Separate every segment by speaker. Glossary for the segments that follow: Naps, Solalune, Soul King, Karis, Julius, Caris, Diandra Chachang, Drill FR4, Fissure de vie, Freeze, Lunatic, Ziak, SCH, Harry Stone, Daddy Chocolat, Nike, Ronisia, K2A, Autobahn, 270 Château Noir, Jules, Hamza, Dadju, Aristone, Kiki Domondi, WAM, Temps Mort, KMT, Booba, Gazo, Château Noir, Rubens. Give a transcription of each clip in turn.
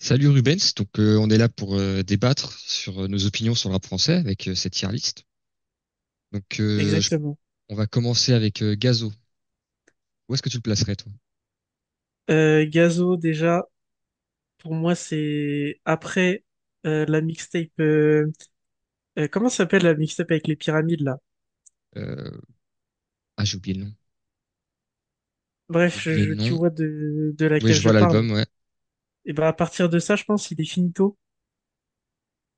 Speaker 1: Salut Rubens, donc on est là pour débattre sur nos opinions sur le rap français avec cette tier list. Donc,
Speaker 2: Exactement.
Speaker 1: on va commencer avec Gazo. Où est-ce que tu le placerais toi?
Speaker 2: Gazo, déjà, pour moi, c'est après la mixtape. Comment ça s'appelle la mixtape avec les pyramides là?
Speaker 1: Euh, ah, j'ai oublié le nom. J'ai
Speaker 2: Bref,
Speaker 1: oublié le
Speaker 2: tu
Speaker 1: nom.
Speaker 2: vois de
Speaker 1: Oui, je
Speaker 2: laquelle je
Speaker 1: vois
Speaker 2: parle.
Speaker 1: l'album, ouais.
Speaker 2: Et ben à partir de ça, je pense, il est finito.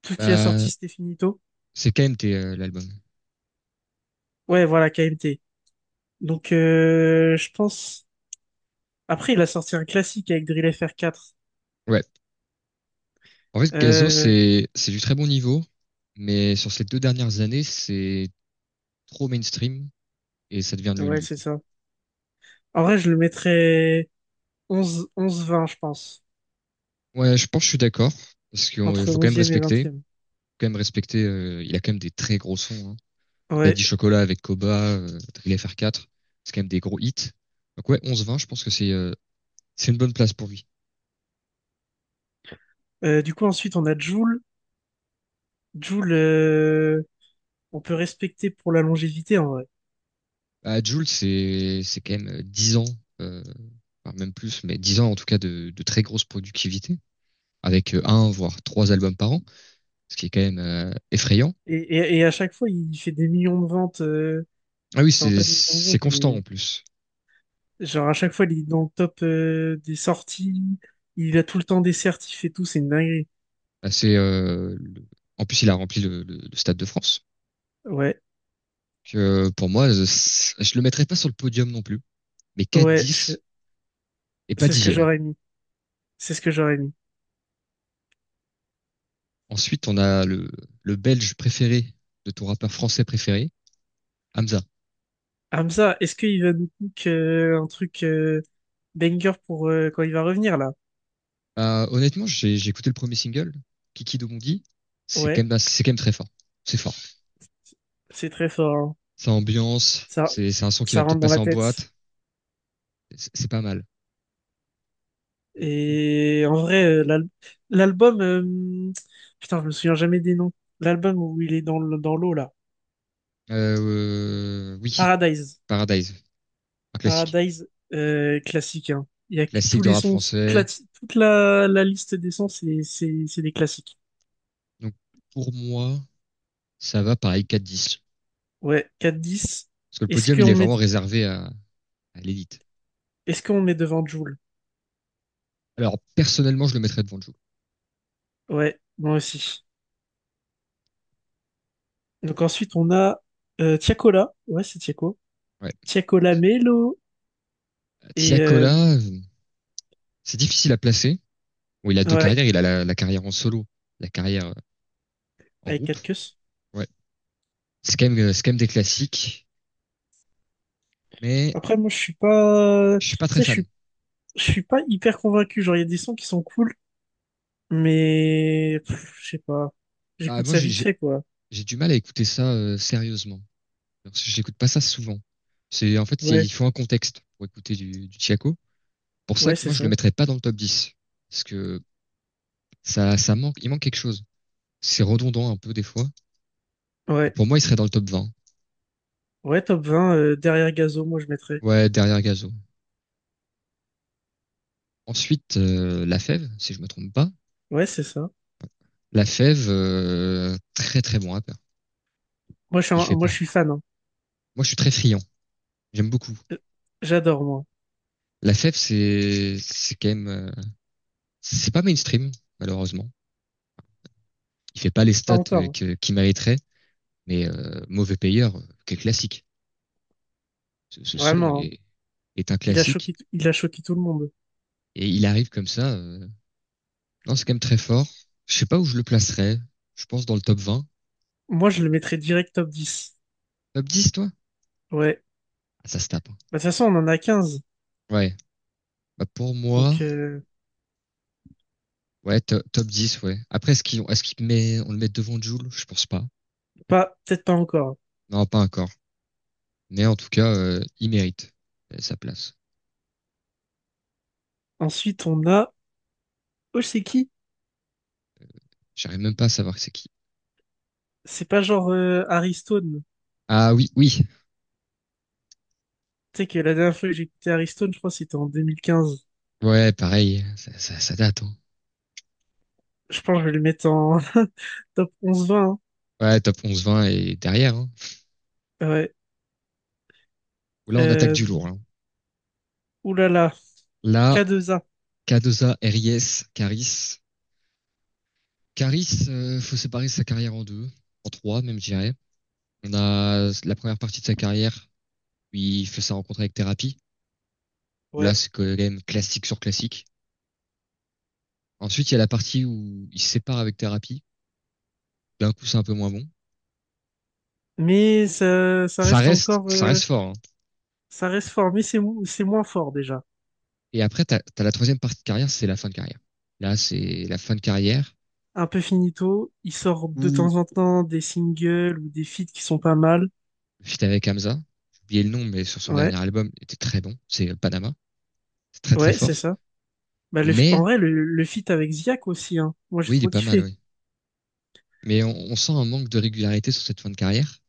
Speaker 2: Tout ce qu'il a
Speaker 1: Bah,
Speaker 2: sorti, c'était finito.
Speaker 1: c'est KMT, l'album.
Speaker 2: Ouais, voilà, KMT. Donc, je pense. Après, il a sorti un classique avec Drill FR4.
Speaker 1: Ouais. En fait, Gazo,
Speaker 2: Euh,
Speaker 1: c'est du très bon niveau, mais sur ces deux dernières années, c'est trop mainstream et ça devient nul
Speaker 2: ouais,
Speaker 1: du
Speaker 2: c'est
Speaker 1: coup.
Speaker 2: ça. En vrai, je le mettrais onze vingt, je pense.
Speaker 1: Ouais, je pense que je suis d'accord parce qu'il
Speaker 2: Entre
Speaker 1: faut quand même
Speaker 2: 11e et
Speaker 1: respecter, faut
Speaker 2: 20e.
Speaker 1: quand même respecter. Il a quand même des très gros sons, hein.
Speaker 2: Ouais.
Speaker 1: Daddy Chocolat avec Koba, Drill FR4, c'est quand même des gros hits. Donc ouais, 11-20, je pense que c'est une bonne place pour lui.
Speaker 2: Du coup, ensuite, on a Joule. Joule, on peut respecter pour la longévité, en vrai.
Speaker 1: À Jules, c'est quand même 10 ans, euh, enfin, même plus, mais 10 ans en tout cas de très grosse productivité, avec un voire trois albums par an, ce qui est quand même effrayant.
Speaker 2: Et à chaque fois, il fait des millions de ventes.
Speaker 1: Ah oui,
Speaker 2: Enfin,
Speaker 1: c'est
Speaker 2: pas des millions de
Speaker 1: c'est
Speaker 2: ventes,
Speaker 1: constant
Speaker 2: mais...
Speaker 1: en plus.
Speaker 2: Genre, à chaque fois, il est dans le top des sorties. Il a tout le temps des certifs et tout. C'est une dinguerie.
Speaker 1: Bah, en plus il a rempli le Stade de France.
Speaker 2: Ouais,
Speaker 1: Que pour moi, je le mettrais pas sur le podium non plus, mais
Speaker 2: ouais,
Speaker 1: 4-10 et pas
Speaker 2: c'est ce que
Speaker 1: 10.
Speaker 2: j'aurais mis. C'est ce que j'aurais mis.
Speaker 1: Ensuite, on a le Belge préféré de ton rappeur français préféré, Hamza.
Speaker 2: Hamza, est-ce qu'il va nous cook un truc banger pour quand il va revenir, là?
Speaker 1: Honnêtement, j'ai écouté le premier single, Kiki Domondi.
Speaker 2: Ouais,
Speaker 1: C'est quand même très fort. C'est fort.
Speaker 2: c'est très fort, hein.
Speaker 1: Ça ambiance.
Speaker 2: Ça,
Speaker 1: C'est un son qui va
Speaker 2: Ça
Speaker 1: peut-être
Speaker 2: rentre dans
Speaker 1: passer
Speaker 2: la
Speaker 1: en
Speaker 2: tête.
Speaker 1: boîte. C'est pas mal.
Speaker 2: Et en vrai, l'album, putain, je me souviens jamais des noms. L'album où il est dans dans l'eau là,
Speaker 1: Euh, oui,
Speaker 2: Paradise.
Speaker 1: Paradise, un classique.
Speaker 2: Paradise, classique, hein. Il y a que
Speaker 1: Classique
Speaker 2: tous
Speaker 1: de
Speaker 2: les
Speaker 1: rap
Speaker 2: sons,
Speaker 1: français.
Speaker 2: la liste des sons, c'est des classiques.
Speaker 1: Donc, pour moi, ça va pareil 4-10.
Speaker 2: Ouais, 4-10.
Speaker 1: Parce que le
Speaker 2: Est-ce
Speaker 1: podium, il
Speaker 2: qu'on
Speaker 1: est
Speaker 2: met
Speaker 1: vraiment réservé à l'élite.
Speaker 2: Est-ce qu'on met devant Jul?
Speaker 1: Alors, personnellement, je le mettrais devant Joe.
Speaker 2: Ouais, moi aussi. Donc ensuite on a Tiakola, ouais c'est Tiako,
Speaker 1: Ouais.
Speaker 2: Tiakola Melo, et
Speaker 1: Tiakola, c'est difficile à placer. Où il a deux
Speaker 2: ouais,
Speaker 1: carrières, il a la carrière en solo, la carrière en
Speaker 2: avec
Speaker 1: groupe.
Speaker 2: 4 queues.
Speaker 1: Ouais. C'est quand même des classiques, mais
Speaker 2: Après, moi je suis pas,
Speaker 1: je
Speaker 2: tu
Speaker 1: suis pas très
Speaker 2: sais, je
Speaker 1: fan.
Speaker 2: suis je suis pas hyper convaincu. Genre, il y a des sons qui sont cool, mais pff, je sais pas.
Speaker 1: Bah,
Speaker 2: J'écoute
Speaker 1: moi,
Speaker 2: ça
Speaker 1: j'ai,
Speaker 2: vite
Speaker 1: j'ai
Speaker 2: fait, quoi.
Speaker 1: j'ai du mal à écouter ça sérieusement. Parce que j'écoute pas ça souvent. C'est en fait, c'est-
Speaker 2: Ouais,
Speaker 1: Il faut un contexte pour écouter du Tiako. Pour ça
Speaker 2: ouais,
Speaker 1: que
Speaker 2: c'est
Speaker 1: moi, je le
Speaker 2: ça.
Speaker 1: mettrais pas dans le top 10 parce que ça manque, il manque quelque chose. C'est redondant un peu des fois. Donc,
Speaker 2: Ouais,
Speaker 1: pour moi, il serait dans le top 20.
Speaker 2: ouais, top 20, derrière Gazo, moi je mettrais.
Speaker 1: Ouais, derrière Gazo. Ensuite, La Fève, si je me trompe pas.
Speaker 2: Ouais, c'est ça.
Speaker 1: La Fève, très très bon rappeur.
Speaker 2: Moi,
Speaker 1: Il fait
Speaker 2: moi, je
Speaker 1: pas.
Speaker 2: suis fan, hein.
Speaker 1: Moi, je suis très friand. J'aime beaucoup.
Speaker 2: Euh, J'adore, moi.
Speaker 1: La Fève, c'est quand même c'est pas mainstream, malheureusement. Il fait pas les
Speaker 2: Pas
Speaker 1: stats
Speaker 2: encore, hein.
Speaker 1: qu'il mériterait, mais mauvais payeur, quel classique. Ce son
Speaker 2: Vraiment, hein.
Speaker 1: est un classique
Speaker 2: Il a choqué tout le monde.
Speaker 1: et il arrive comme ça. Non, c'est quand même très fort. Je sais pas où je le placerais. Je pense dans le top 20.
Speaker 2: Moi, je le mettrais direct top 10.
Speaker 1: Top 10, toi?
Speaker 2: Ouais.
Speaker 1: Ah, ça se tape, hein.
Speaker 2: Bah, de toute façon, on en a 15.
Speaker 1: Ouais. Bah, pour moi,
Speaker 2: Donc,
Speaker 1: ouais, top 10, ouais. Après, on le met devant Jul? Je pense pas.
Speaker 2: pas, peut-être pas encore.
Speaker 1: Non, pas encore. Mais en tout cas, il mérite sa place.
Speaker 2: Ensuite, on a. Oh, c'est qui?
Speaker 1: J'arrive même pas à savoir c'est qui.
Speaker 2: C'est pas genre Harry Stone.
Speaker 1: Ah oui, oui.
Speaker 2: Tu sais que la dernière fois que j'ai écouté Aristone, je crois que c'était en 2015.
Speaker 1: Ouais, pareil. Ça date, hein.
Speaker 2: Je pense que je vais le mettre en top 11-20,
Speaker 1: Ouais, top 11-20 et derrière, hein.
Speaker 2: hein. Ouais.
Speaker 1: Là, on attaque du
Speaker 2: Euh...
Speaker 1: lourd, hein.
Speaker 2: Ouh là là.
Speaker 1: Là,
Speaker 2: K2A.
Speaker 1: Cardoza, Ries, Caris. Caris, faut séparer sa carrière en deux, en trois même, je dirais. On a la première partie de sa carrière où il fait sa rencontre avec Thérapie, où là,
Speaker 2: Ouais.
Speaker 1: c'est quand même classique sur classique. Ensuite, il y a la partie où il se sépare avec Thérapie. D'un coup, c'est un peu moins bon.
Speaker 2: Ça
Speaker 1: Ça
Speaker 2: reste
Speaker 1: reste,
Speaker 2: encore...
Speaker 1: ça reste fort, hein.
Speaker 2: Ça reste fort, mais c'est moins fort déjà.
Speaker 1: Et après, t'as la troisième partie de carrière, c'est la fin de carrière. Là, c'est la fin de carrière
Speaker 2: Un peu finito. Il sort de
Speaker 1: où
Speaker 2: temps en temps des singles ou des feats qui sont pas mal.
Speaker 1: le feat avec Hamza, j'ai oublié le nom, mais sur son
Speaker 2: Ouais.
Speaker 1: dernier album, était très bon. C'est Panama. C'est très, très
Speaker 2: Ouais, c'est
Speaker 1: fort.
Speaker 2: ça. Bah, en
Speaker 1: Mais
Speaker 2: vrai, le feat avec Ziak aussi. Hein. Moi, j'ai
Speaker 1: oui, il est
Speaker 2: trop
Speaker 1: pas mal,
Speaker 2: kiffé.
Speaker 1: oui. Mais on sent un manque de régularité sur cette fin de carrière,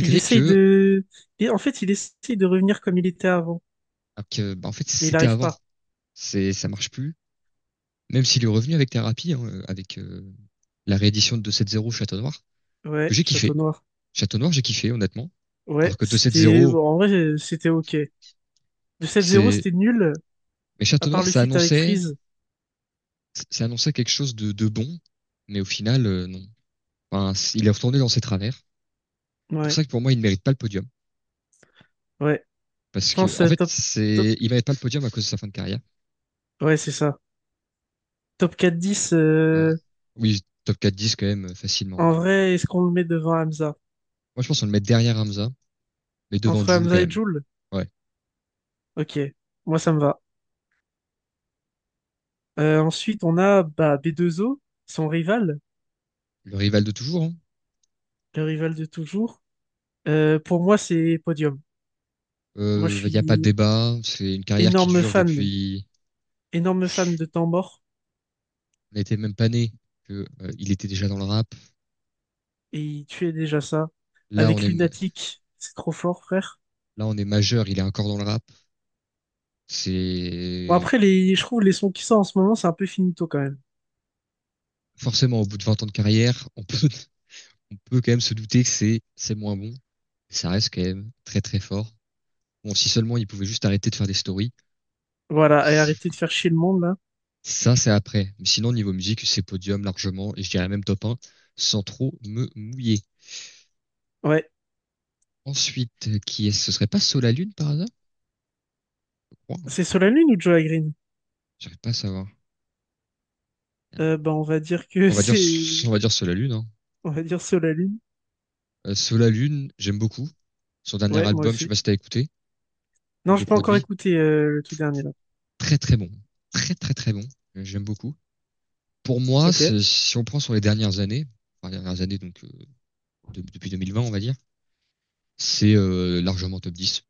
Speaker 2: Il essaye
Speaker 1: que,
Speaker 2: de... Et en fait, il essaye de revenir comme il était avant.
Speaker 1: ah, que, bah, en fait,
Speaker 2: Mais il
Speaker 1: c'était
Speaker 2: arrive
Speaker 1: avant.
Speaker 2: pas.
Speaker 1: Ça marche plus. Même s'il est revenu avec Thérapie, hein, avec la réédition de 270 Château Noir, que
Speaker 2: Ouais,
Speaker 1: j'ai
Speaker 2: Château
Speaker 1: kiffé.
Speaker 2: Noir.
Speaker 1: Château Noir, j'ai kiffé, honnêtement. Alors
Speaker 2: Ouais,
Speaker 1: que
Speaker 2: c'était...
Speaker 1: 270,
Speaker 2: Bon, en vrai, c'était ok. De 7-0,
Speaker 1: c'est...
Speaker 2: c'était nul,
Speaker 1: Mais
Speaker 2: à
Speaker 1: Château
Speaker 2: part
Speaker 1: Noir,
Speaker 2: le feat avec Freeze.
Speaker 1: ça annonçait quelque chose de bon, mais au final, non. Enfin, il est retourné dans ses travers. C'est pour
Speaker 2: Ouais,
Speaker 1: ça que pour moi, il ne mérite pas le podium.
Speaker 2: ouais. Je
Speaker 1: Parce que,
Speaker 2: pense,
Speaker 1: en fait,
Speaker 2: top...
Speaker 1: il mérite pas le podium à cause de sa fin de carrière.
Speaker 2: Ouais, c'est ça. Top 4-10,
Speaker 1: Ouais. Oui, top quatre 10 quand même, facilement,
Speaker 2: en
Speaker 1: hein.
Speaker 2: vrai, est-ce qu'on le met devant Hamza?
Speaker 1: Moi, je pense qu'on le met derrière Hamza, mais devant
Speaker 2: Entre
Speaker 1: Jules quand
Speaker 2: Hamza et
Speaker 1: même.
Speaker 2: Jul?
Speaker 1: Ouais.
Speaker 2: Ok, moi ça me va. Ensuite, on a bah, B2O, son rival,
Speaker 1: Le rival de toujours, hein.
Speaker 2: le rival de toujours. Pour moi, c'est podium. Moi, je
Speaker 1: Il n'y a pas de
Speaker 2: suis
Speaker 1: débat. C'est une carrière qui
Speaker 2: énorme
Speaker 1: dure
Speaker 2: fan,
Speaker 1: depuis,
Speaker 2: énorme fan de Temps Mort.
Speaker 1: on n'était même pas né. Que, il était déjà dans le rap.
Speaker 2: Et il tuait déjà ça.
Speaker 1: Là,
Speaker 2: Avec Lunatic, c'est trop fort, frère.
Speaker 1: on est majeur, il est encore dans le rap.
Speaker 2: Bon,
Speaker 1: C'est,
Speaker 2: après, je trouve les sons qui sortent en ce moment, c'est un peu finito quand même.
Speaker 1: Forcément, au bout de 20 ans de carrière, on peut quand même se douter que c'est moins bon. Ça reste quand même très très fort. Bon, si seulement ils pouvaient juste arrêter de faire des stories.
Speaker 2: Voilà, et arrêtez de faire chier le monde, là.
Speaker 1: Ça, c'est après. Mais sinon, niveau musique, c'est podium largement, et je dirais même top 1, sans trop me mouiller.
Speaker 2: Ouais.
Speaker 1: Ensuite, qui est-ce? Ce serait pas Solalune par hasard? Je crois, hein.
Speaker 2: C'est Solalune Lune ou Joe Green?
Speaker 1: J'arrive pas à savoir.
Speaker 2: Bah, on va dire que
Speaker 1: On va dire,
Speaker 2: c'est.
Speaker 1: on va dire Solalune, hein.
Speaker 2: On va dire Solalune. Lune.
Speaker 1: Solalune, j'aime beaucoup. Son dernier
Speaker 2: Ouais, moi
Speaker 1: album, je sais
Speaker 2: aussi.
Speaker 1: pas si t'as écouté,
Speaker 2: Non,
Speaker 1: nouveau
Speaker 2: j'ai pas encore
Speaker 1: produit,
Speaker 2: écouté le tout dernier, là.
Speaker 1: très très bon. Très très très bon. J'aime beaucoup. Pour moi,
Speaker 2: Ok.
Speaker 1: si on prend sur les dernières années, enfin, les dernières années, donc depuis 2020, on va dire, c'est largement top 10.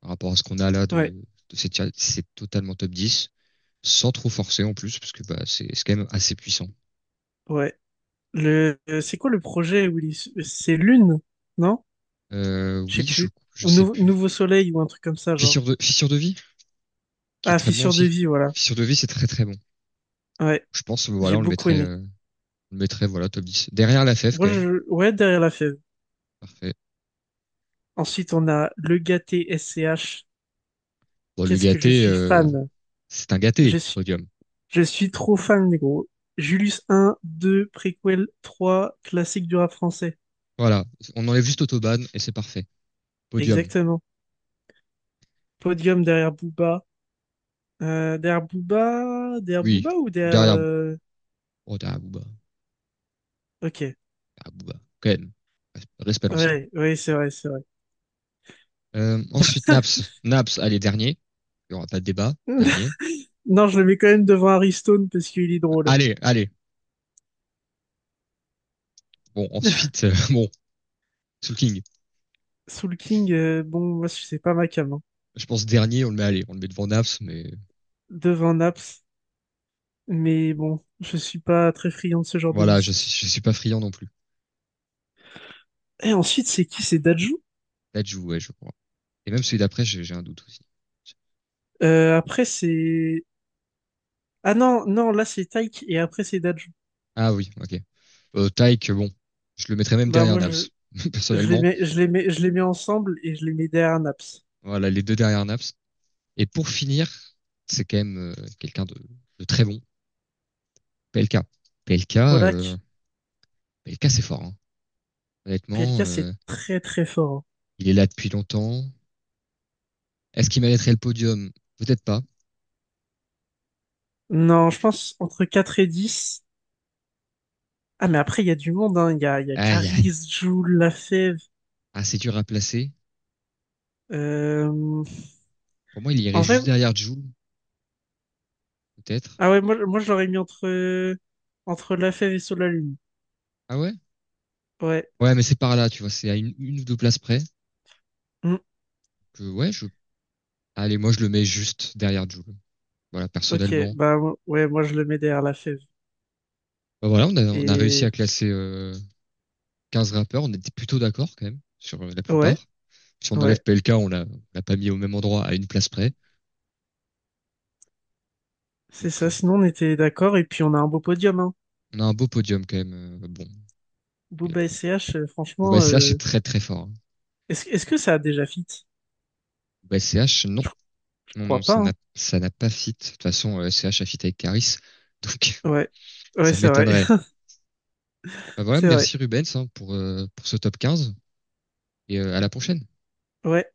Speaker 1: Par rapport à ce qu'on a là
Speaker 2: Ouais,
Speaker 1: c'est totalement top 10, sans trop forcer en plus, parce que bah, c'est quand même assez puissant.
Speaker 2: ouais. C'est quoi le projet où il... C'est Lune, non? Je sais
Speaker 1: Oui,
Speaker 2: plus.
Speaker 1: je
Speaker 2: Ou
Speaker 1: sais plus.
Speaker 2: Nouveau Soleil ou un truc comme ça, genre.
Speaker 1: Fissure de vie, qui est
Speaker 2: Ah,
Speaker 1: très bon
Speaker 2: Fissure de
Speaker 1: aussi.
Speaker 2: vie, voilà.
Speaker 1: Fissure de vie, c'est très très bon.
Speaker 2: Ouais,
Speaker 1: Je pense,
Speaker 2: j'ai
Speaker 1: voilà,
Speaker 2: beaucoup aimé.
Speaker 1: on le mettrait, voilà, top 10. Derrière la FF,
Speaker 2: Moi,
Speaker 1: quand même.
Speaker 2: ouais, derrière la fève.
Speaker 1: Parfait.
Speaker 2: Ensuite, on a le gâté SCH.
Speaker 1: Bon, le
Speaker 2: Qu'est-ce que je
Speaker 1: gâté,
Speaker 2: suis fan.
Speaker 1: c'est un gâté,
Speaker 2: Je suis,
Speaker 1: podium.
Speaker 2: je suis trop fan, gros. Julius un 2 préquel trois, classique du rap français.
Speaker 1: Voilà. On enlève juste Autobahn et c'est parfait. Podium.
Speaker 2: Exactement. Podium derrière Booba. Derrière
Speaker 1: Oui,
Speaker 2: Booba ou derrière...
Speaker 1: derrière, oh, derrière Booba.
Speaker 2: Ok.
Speaker 1: Derrière Booba, quand même. Respect, l'ancien.
Speaker 2: Ouais, ouais, c'est vrai, c'est vrai.
Speaker 1: Ensuite, Naps. Naps, allez, dernier. Il n'y aura pas de débat. Dernier.
Speaker 2: Non, je le mets quand même devant Harry Stone parce qu'il est drôle.
Speaker 1: Allez, allez. Bon, ensuite, bon, Soul King.
Speaker 2: Soul King, bon, moi, c'est pas ma cam, hein.
Speaker 1: Je pense dernier, on le met devant Naps, mais
Speaker 2: Devant Naps. Mais bon, je suis pas très friand de ce genre de
Speaker 1: voilà,
Speaker 2: musique.
Speaker 1: je suis pas friand non plus.
Speaker 2: Et ensuite, c'est qui? C'est Dadju?
Speaker 1: Là, je ouais, je crois. Et même celui d'après, j'ai un doute aussi.
Speaker 2: Après, c'est... Ah non, non, là, c'est Taïk, et après, c'est Dadju.
Speaker 1: Ah oui, ok. Tyke, bon, je le mettrais même
Speaker 2: Bah,
Speaker 1: derrière
Speaker 2: moi,
Speaker 1: Naps,
Speaker 2: je les
Speaker 1: personnellement.
Speaker 2: mets, je les mets ensemble, et je les mets derrière Naps.
Speaker 1: Voilà, les deux derrière Naps. Et pour finir, c'est quand même quelqu'un de très bon. P L K. P L K, PLK. PLK, euh,
Speaker 2: Polak,
Speaker 1: P L K, c'est fort, hein. Honnêtement,
Speaker 2: PLK, c'est très, très fort, hein.
Speaker 1: il est là depuis longtemps. Est-ce qu'il mériterait le podium? Peut-être pas.
Speaker 2: Non, je pense entre 4 et 10. Ah, mais après, il y a du monde, hein. Il y a
Speaker 1: Aïe, aïe.
Speaker 2: Caris, Jul, Lafèvre.
Speaker 1: Ah, c'est dur à placer.
Speaker 2: Euh...
Speaker 1: Pour moi, il
Speaker 2: En
Speaker 1: irait
Speaker 2: vrai,
Speaker 1: juste derrière Jules, peut-être.
Speaker 2: ah ouais, moi, je l'aurais mis entre Lafèvre et Solalune.
Speaker 1: Ah ouais?
Speaker 2: Ouais.
Speaker 1: Ouais, mais c'est par là, tu vois, c'est à une ou deux places près. Que, ouais, je... Allez, moi, je le mets juste derrière Jules. Voilà,
Speaker 2: Ok,
Speaker 1: personnellement.
Speaker 2: bah ouais, moi je le mets derrière la fève.
Speaker 1: Bah, voilà, on a réussi
Speaker 2: Et
Speaker 1: à classer 15 rappeurs. On était plutôt d'accord, quand même, sur la
Speaker 2: ouais,
Speaker 1: plupart. Si on enlève
Speaker 2: ouais,
Speaker 1: PLK, on l'a pas mis au même endroit, à une place près.
Speaker 2: c'est
Speaker 1: Donc,
Speaker 2: ça.
Speaker 1: euh,
Speaker 2: Sinon, on était d'accord et puis on a un beau podium, hein.
Speaker 1: On a un beau podium quand même. euh,
Speaker 2: Booba et CH,
Speaker 1: bon,
Speaker 2: franchement,
Speaker 1: CH est très très fort.
Speaker 2: est-ce que ça a déjà fit?
Speaker 1: Hein. CH, non.
Speaker 2: Je, je
Speaker 1: Non, non,
Speaker 2: crois pas, hein.
Speaker 1: ça n'a pas fit. De toute façon, CH a fit avec Karis. Donc,
Speaker 2: Ouais, ouais,
Speaker 1: ça
Speaker 2: c'est vrai,
Speaker 1: m'étonnerait. Bah voilà,
Speaker 2: c'est vrai.
Speaker 1: merci Rubens, hein, pour ce top 15. À la prochaine.
Speaker 2: Ouais.